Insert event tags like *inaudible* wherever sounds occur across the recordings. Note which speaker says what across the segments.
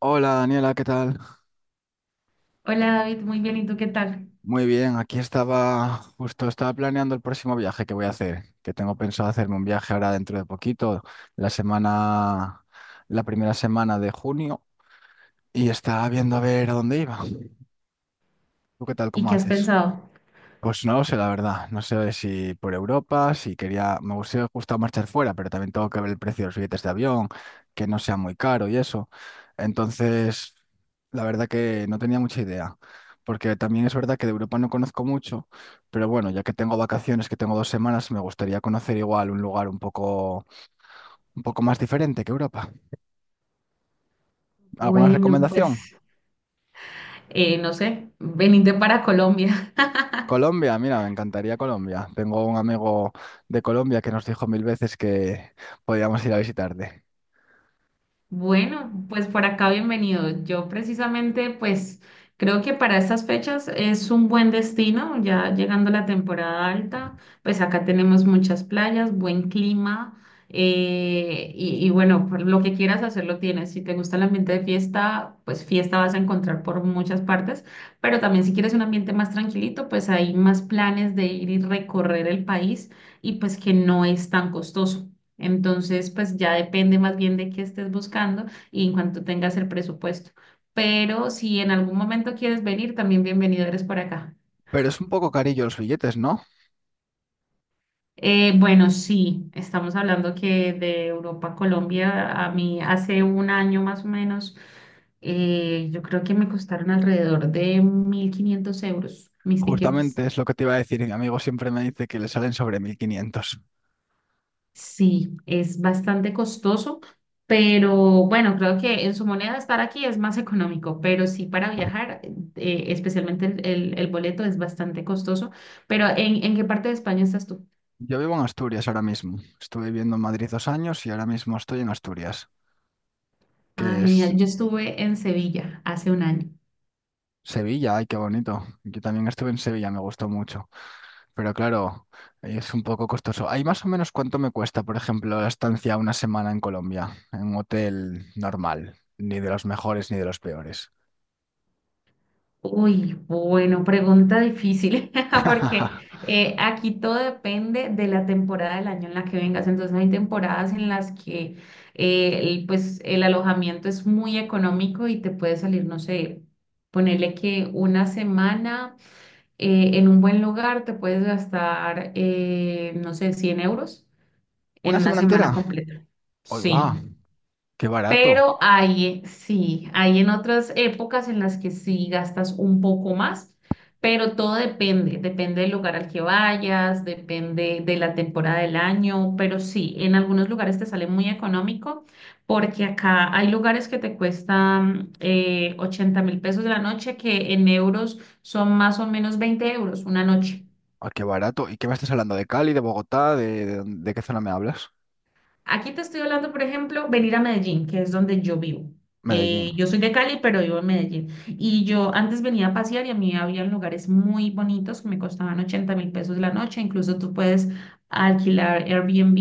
Speaker 1: Hola Daniela, ¿qué tal?
Speaker 2: Hola David, muy bien, ¿y tú qué tal?
Speaker 1: Muy bien, aquí estaba, justo estaba planeando el próximo viaje que voy a hacer, que tengo pensado hacerme un viaje ahora dentro de poquito, la semana, la primera semana de junio, y estaba viendo a ver a dónde iba. ¿Tú qué tal?
Speaker 2: ¿Y
Speaker 1: ¿Cómo
Speaker 2: qué has
Speaker 1: haces?
Speaker 2: pensado?
Speaker 1: Pues no lo sé, la verdad. No sé si por Europa, si quería, me gustaría justo marchar fuera, pero también tengo que ver el precio de los billetes de avión, que no sea muy caro y eso. Entonces, la verdad que no tenía mucha idea, porque también es verdad que de Europa no conozco mucho, pero bueno, ya que tengo vacaciones, que tengo 2 semanas, me gustaría conocer igual un lugar un poco más diferente que Europa. ¿Alguna
Speaker 2: Bueno,
Speaker 1: recomendación?
Speaker 2: pues, no sé, venirte para Colombia.
Speaker 1: Colombia, mira, me encantaría Colombia. Tengo un amigo de Colombia que nos dijo mil veces que podíamos ir a visitarte.
Speaker 2: Bueno, pues por acá bienvenido. Yo precisamente, pues creo que para estas fechas es un buen destino, ya llegando la temporada alta, pues acá tenemos muchas playas, buen clima y bueno, por lo que quieras hacer lo tienes. Si te gusta el ambiente de fiesta, pues fiesta vas a encontrar por muchas partes, pero también si quieres un ambiente más tranquilito, pues hay más planes de ir y recorrer el país y pues que no es tan costoso. Entonces, pues ya depende más bien de qué estés buscando y en cuanto tengas el presupuesto. Pero si en algún momento quieres venir, también bienvenido eres por acá.
Speaker 1: Pero es un poco carillo los billetes, ¿no?
Speaker 2: Bueno, sí, estamos hablando que de Europa a Colombia, a mí hace un año más o menos, yo creo que me costaron alrededor de 1500 euros mis tiquetes.
Speaker 1: Justamente es lo que te iba a decir. Y mi amigo siempre me dice que le salen sobre 1.500.
Speaker 2: Sí, es bastante costoso, pero bueno, creo que en su moneda estar aquí es más económico, pero sí para viajar, especialmente el boleto es bastante costoso. Pero ¿en qué parte de España estás tú?
Speaker 1: Yo vivo en Asturias ahora mismo. Estuve viviendo en Madrid 2 años y ahora mismo estoy en Asturias,
Speaker 2: Ah,
Speaker 1: que es
Speaker 2: genial. Yo estuve en Sevilla hace un año.
Speaker 1: Sevilla. Ay, qué bonito. Yo también estuve en Sevilla, me gustó mucho. Pero claro, es un poco costoso. ¿Hay más o menos cuánto me cuesta, por ejemplo, la estancia una semana en Colombia, en un hotel normal? Ni de los mejores ni de los peores.
Speaker 2: Uy, bueno, pregunta difícil, *laughs* porque
Speaker 1: *laughs*
Speaker 2: aquí todo depende de la temporada del año en la que vengas. Entonces hay temporadas en las que el alojamiento es muy económico y te puede salir, no sé, ponerle que una semana en un buen lugar te puedes gastar, no sé, 100 euros en
Speaker 1: ¿Una
Speaker 2: una
Speaker 1: semana
Speaker 2: semana
Speaker 1: entera?
Speaker 2: completa.
Speaker 1: Hoy va,
Speaker 2: Sí.
Speaker 1: qué barato.
Speaker 2: Pero sí, hay en otras épocas en las que sí gastas un poco más, pero todo depende del lugar al que vayas, depende de la temporada del año, pero sí, en algunos lugares te sale muy económico porque acá hay lugares que te cuestan 80 mil pesos de la noche que en euros son más o menos 20 euros una noche.
Speaker 1: Ah, qué barato. ¿Y qué me estás hablando? ¿De Cali, de Bogotá? ¿De qué zona me hablas?
Speaker 2: Aquí te estoy hablando, por ejemplo, venir a Medellín, que es donde yo vivo.
Speaker 1: Medellín.
Speaker 2: Yo soy de Cali, pero vivo en Medellín. Y yo antes venía a pasear y a mí había lugares muy bonitos que me costaban 80.000 pesos la noche. Incluso tú puedes alquilar Airbnb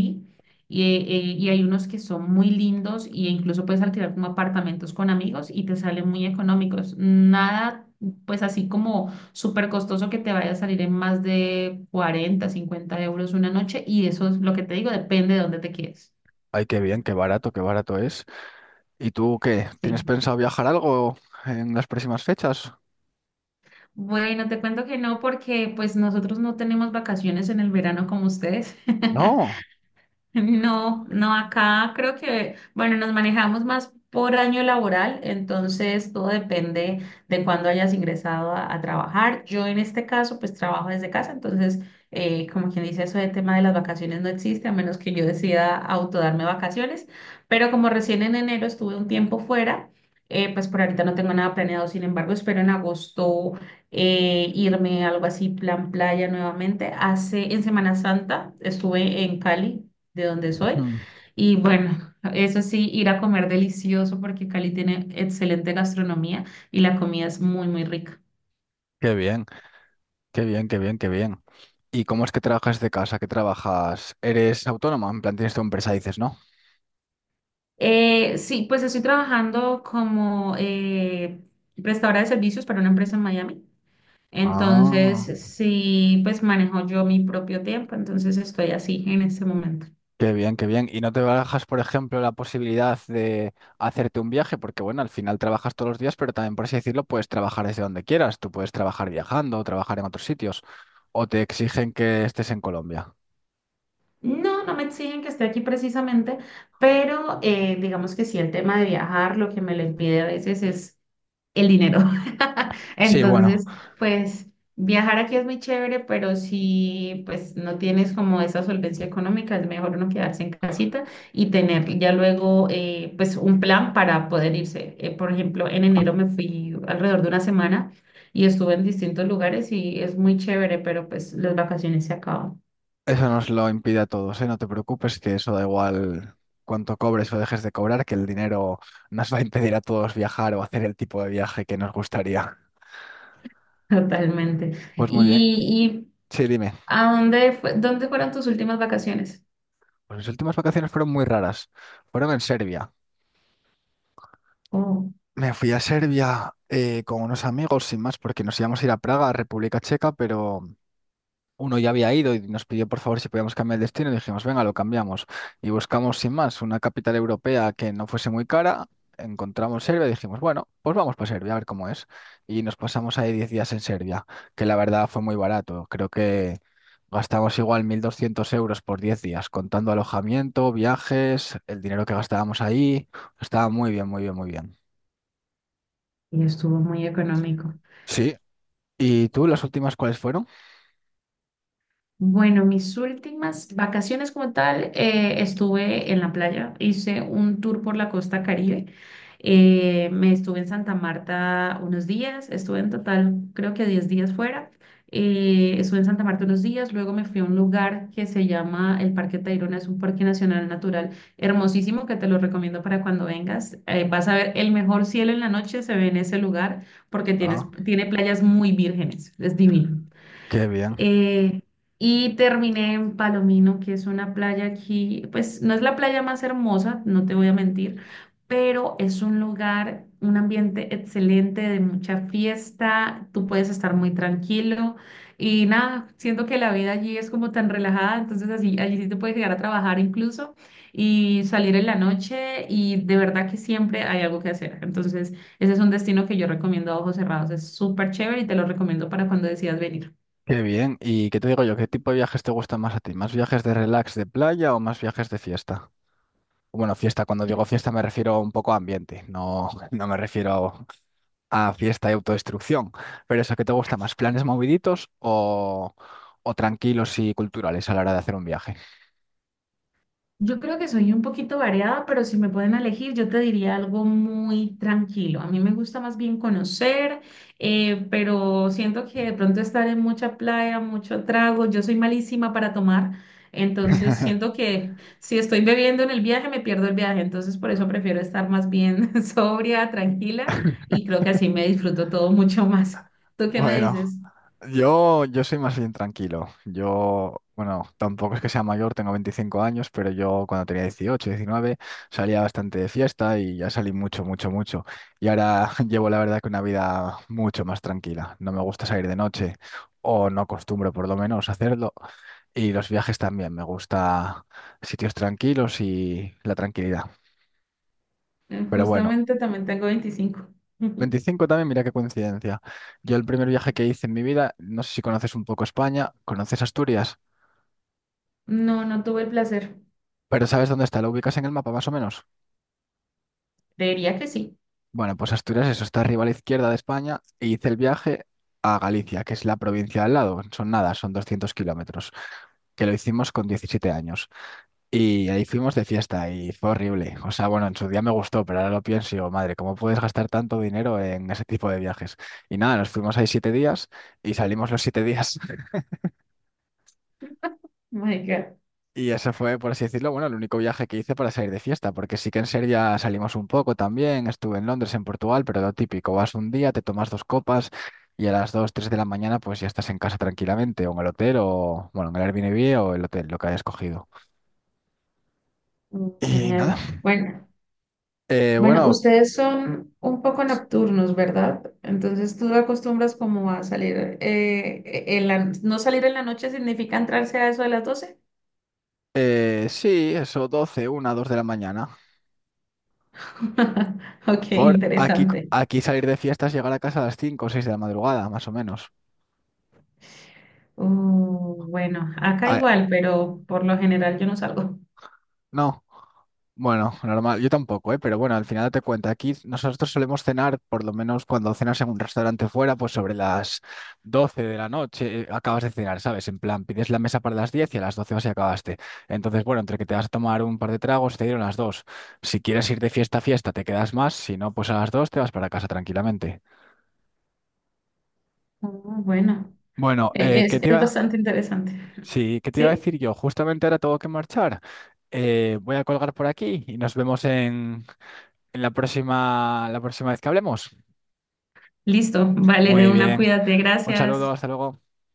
Speaker 2: y hay unos que son muy lindos e incluso puedes alquilar como apartamentos con amigos y te salen muy económicos. Nada, pues así como súper costoso que te vaya a salir en más de 40, 50 euros una noche y eso es lo que te digo, depende de dónde te quedes.
Speaker 1: Ay, qué bien, qué barato es. ¿Y tú qué? ¿Tienes
Speaker 2: Sí.
Speaker 1: pensado viajar algo en las próximas fechas?
Speaker 2: Bueno, te cuento que no, porque pues nosotros no tenemos vacaciones en el verano como ustedes. *laughs*
Speaker 1: No.
Speaker 2: No, no, acá creo que, bueno, nos manejamos más por año laboral, entonces todo depende de cuándo hayas ingresado a trabajar. Yo en este caso, pues trabajo desde casa, entonces, como quien dice, eso de tema de las vacaciones no existe, a menos que yo decida autodarme vacaciones, pero como recién en enero estuve un tiempo fuera, pues por ahorita no tengo nada planeado, sin embargo, espero en agosto irme algo así, plan playa nuevamente. En Semana Santa estuve en Cali de donde soy.
Speaker 1: Mm,
Speaker 2: Y bueno, eso sí, ir a comer delicioso porque Cali tiene excelente gastronomía y la comida es muy, muy rica.
Speaker 1: qué bien, qué bien, qué bien, qué bien. ¿Y cómo es que trabajas de casa? ¿Qué trabajas? ¿Eres autónoma? En plan, tienes tu empresa, dices, ¿no?
Speaker 2: Sí, pues estoy trabajando como prestadora de servicios para una empresa en Miami.
Speaker 1: Ah.
Speaker 2: Entonces, sí, pues manejo yo mi propio tiempo, entonces estoy así en este momento.
Speaker 1: Qué bien, qué bien. ¿Y no te barajas, por ejemplo, la posibilidad de hacerte un viaje? Porque bueno, al final trabajas todos los días, pero también, por así decirlo, puedes trabajar desde donde quieras. Tú puedes trabajar viajando, trabajar en otros sitios, o te exigen que estés en Colombia.
Speaker 2: No, no me exigen que esté aquí precisamente, pero digamos que sí, el tema de viajar, lo que me lo impide a veces es el dinero. *laughs*
Speaker 1: Sí, bueno,
Speaker 2: Entonces, pues viajar aquí es muy chévere, pero si pues no tienes como esa solvencia económica, es mejor uno quedarse en casita y tener ya luego pues un plan para poder irse. Por ejemplo, en enero me fui alrededor de una semana y estuve en distintos lugares y es muy chévere, pero pues las vacaciones se acaban
Speaker 1: eso nos lo impide a todos, ¿eh? No te preocupes, que eso da igual cuánto cobres o dejes de cobrar, que el dinero nos va a impedir a todos viajar o hacer el tipo de viaje que nos gustaría.
Speaker 2: *laughs* totalmente.
Speaker 1: Pues muy bien.
Speaker 2: ¿Y
Speaker 1: Sí, dime.
Speaker 2: a dónde fueron tus últimas vacaciones?
Speaker 1: Pues mis últimas vacaciones fueron muy raras. Fueron en Serbia.
Speaker 2: Oh,
Speaker 1: Me fui a Serbia con unos amigos, sin más, porque nos íbamos a ir a Praga, a República Checa, pero uno ya había ido y nos pidió por favor si podíamos cambiar el destino. Y dijimos, venga, lo cambiamos. Y buscamos, sin más, una capital europea que no fuese muy cara. Encontramos Serbia y dijimos, bueno, pues vamos para Serbia, a ver cómo es. Y nos pasamos ahí 10 días en Serbia, que la verdad fue muy barato. Creo que gastamos igual 1.200 euros por 10 días, contando alojamiento, viajes, el dinero que gastábamos ahí. Estaba muy bien, muy bien, muy bien.
Speaker 2: y estuvo muy económico.
Speaker 1: Sí, ¿y tú, las últimas cuáles fueron?
Speaker 2: Bueno, mis últimas vacaciones como tal, estuve en la playa, hice un tour por la costa Caribe, me estuve en Santa Marta unos días, estuve en total creo que 10 días fuera, estuve en Santa Marta unos días, luego me fui a un lugar que se llama el Parque Tayrona, es un parque nacional natural hermosísimo que te lo recomiendo para cuando vengas, vas a ver el mejor cielo en la noche, se ve en ese lugar porque tienes,
Speaker 1: Ah,
Speaker 2: tiene playas muy vírgenes, es divino
Speaker 1: qué bien,
Speaker 2: eh, y terminé en Palomino, que es una playa aquí, pues no es la playa más hermosa, no te voy a mentir, pero es un lugar, un ambiente excelente de mucha fiesta, tú puedes estar muy tranquilo y nada, siento que la vida allí es como tan relajada, entonces así, allí sí te puedes llegar a trabajar incluso y salir en la noche y de verdad que siempre hay algo que hacer, entonces ese es un destino que yo recomiendo a ojos cerrados, es súper chévere y te lo recomiendo para cuando decidas venir.
Speaker 1: qué bien. ¿Y qué te digo yo? ¿Qué tipo de viajes te gustan más a ti? ¿Más viajes de relax de playa o más viajes de fiesta? Bueno, fiesta, cuando digo fiesta me refiero un poco a ambiente, no, *laughs* no me refiero a fiesta y autodestrucción. Pero eso, ¿qué te gusta más? ¿Planes moviditos o tranquilos y culturales a la hora de hacer un viaje?
Speaker 2: Yo creo que soy un poquito variada, pero si me pueden elegir, yo te diría algo muy tranquilo. A mí me gusta más bien conocer, pero siento que de pronto estar en mucha playa, mucho trago, yo soy malísima para tomar, entonces siento
Speaker 1: *laughs*
Speaker 2: que si estoy bebiendo en el viaje, me pierdo el viaje, entonces por eso prefiero estar más bien *laughs* sobria, tranquila, y creo que así me disfruto todo mucho más. ¿Tú qué me
Speaker 1: Bueno.
Speaker 2: dices?
Speaker 1: Yo soy más bien tranquilo. Yo, bueno, tampoco es que sea mayor, tengo 25 años, pero yo cuando tenía 18, 19 salía bastante de fiesta y ya salí mucho, mucho, mucho. Y ahora *laughs* llevo la verdad que una vida mucho más tranquila. No me gusta salir de noche o no acostumbro por lo menos hacerlo. Y los viajes también, me gusta sitios tranquilos y la tranquilidad. Pero bueno,
Speaker 2: Justamente también tengo 25. *laughs*
Speaker 1: 25 también, mira qué coincidencia. Yo el primer viaje que hice en mi vida, no sé si conoces un poco España, ¿conoces Asturias?
Speaker 2: No, no tuve el placer.
Speaker 1: Pero ¿sabes dónde está? ¿Lo ubicas en el mapa más o menos?
Speaker 2: Diría que sí.
Speaker 1: Bueno, pues Asturias, eso está arriba a la izquierda de España e hice el viaje a Galicia, que es la provincia al lado. Son nada, son 200 kilómetros, que lo hicimos con 17 años. Y ahí fuimos de fiesta y fue horrible. O sea, bueno, en su día me gustó, pero ahora lo pienso y digo, madre, ¿cómo puedes gastar tanto dinero en ese tipo de viajes? Y nada, nos fuimos ahí 7 días y salimos los 7 días.
Speaker 2: My God.
Speaker 1: Y ese fue, por así decirlo, bueno, el único viaje que hice para salir de fiesta, porque sí que en Serbia salimos un poco también, estuve en Londres, en Portugal, pero lo típico, vas un día, te tomas dos copas y a las 2 3 de la mañana pues ya estás en casa tranquilamente, o en el hotel, o bueno, en el Airbnb o el hotel, lo que hayas cogido.
Speaker 2: Mm,
Speaker 1: Y
Speaker 2: genial.
Speaker 1: nada,
Speaker 2: Bueno, bueno,
Speaker 1: bueno,
Speaker 2: ustedes son un poco nocturnos, ¿verdad? Entonces tú acostumbras como a salir, no salir en la noche significa entrarse a eso de las doce.
Speaker 1: sí, eso, doce una dos de la mañana.
Speaker 2: *laughs* Ok,
Speaker 1: Por aquí,
Speaker 2: interesante.
Speaker 1: aquí salir de fiestas llegar a casa a las 5 o 6 de la madrugada, más o menos.
Speaker 2: Bueno, acá
Speaker 1: Ah,
Speaker 2: igual, pero por lo general yo no salgo.
Speaker 1: no. Bueno, normal, yo tampoco, ¿eh? Pero bueno, al final te cuenta, aquí nosotros solemos cenar, por lo menos cuando cenas en un restaurante fuera, pues sobre las 12 de la noche acabas de cenar, ¿sabes? En plan, pides la mesa para las 10 y a las 12 vas y acabaste. Entonces, bueno, entre que te vas a tomar un par de tragos, te dieron las 2. Si quieres ir de fiesta a fiesta, te quedas más, si no, pues a las 2 te vas para casa tranquilamente.
Speaker 2: Bueno,
Speaker 1: Bueno,
Speaker 2: e-
Speaker 1: ¿qué te
Speaker 2: es
Speaker 1: iba?
Speaker 2: bastante interesante.
Speaker 1: Sí, ¿qué te iba a
Speaker 2: ¿Sí?
Speaker 1: decir yo? Justamente ahora tengo que marchar. Voy a colgar por aquí y nos vemos en la próxima vez que hablemos.
Speaker 2: Listo, vale, de
Speaker 1: Muy
Speaker 2: una,
Speaker 1: bien.
Speaker 2: cuídate,
Speaker 1: Un saludo,
Speaker 2: gracias.
Speaker 1: hasta luego.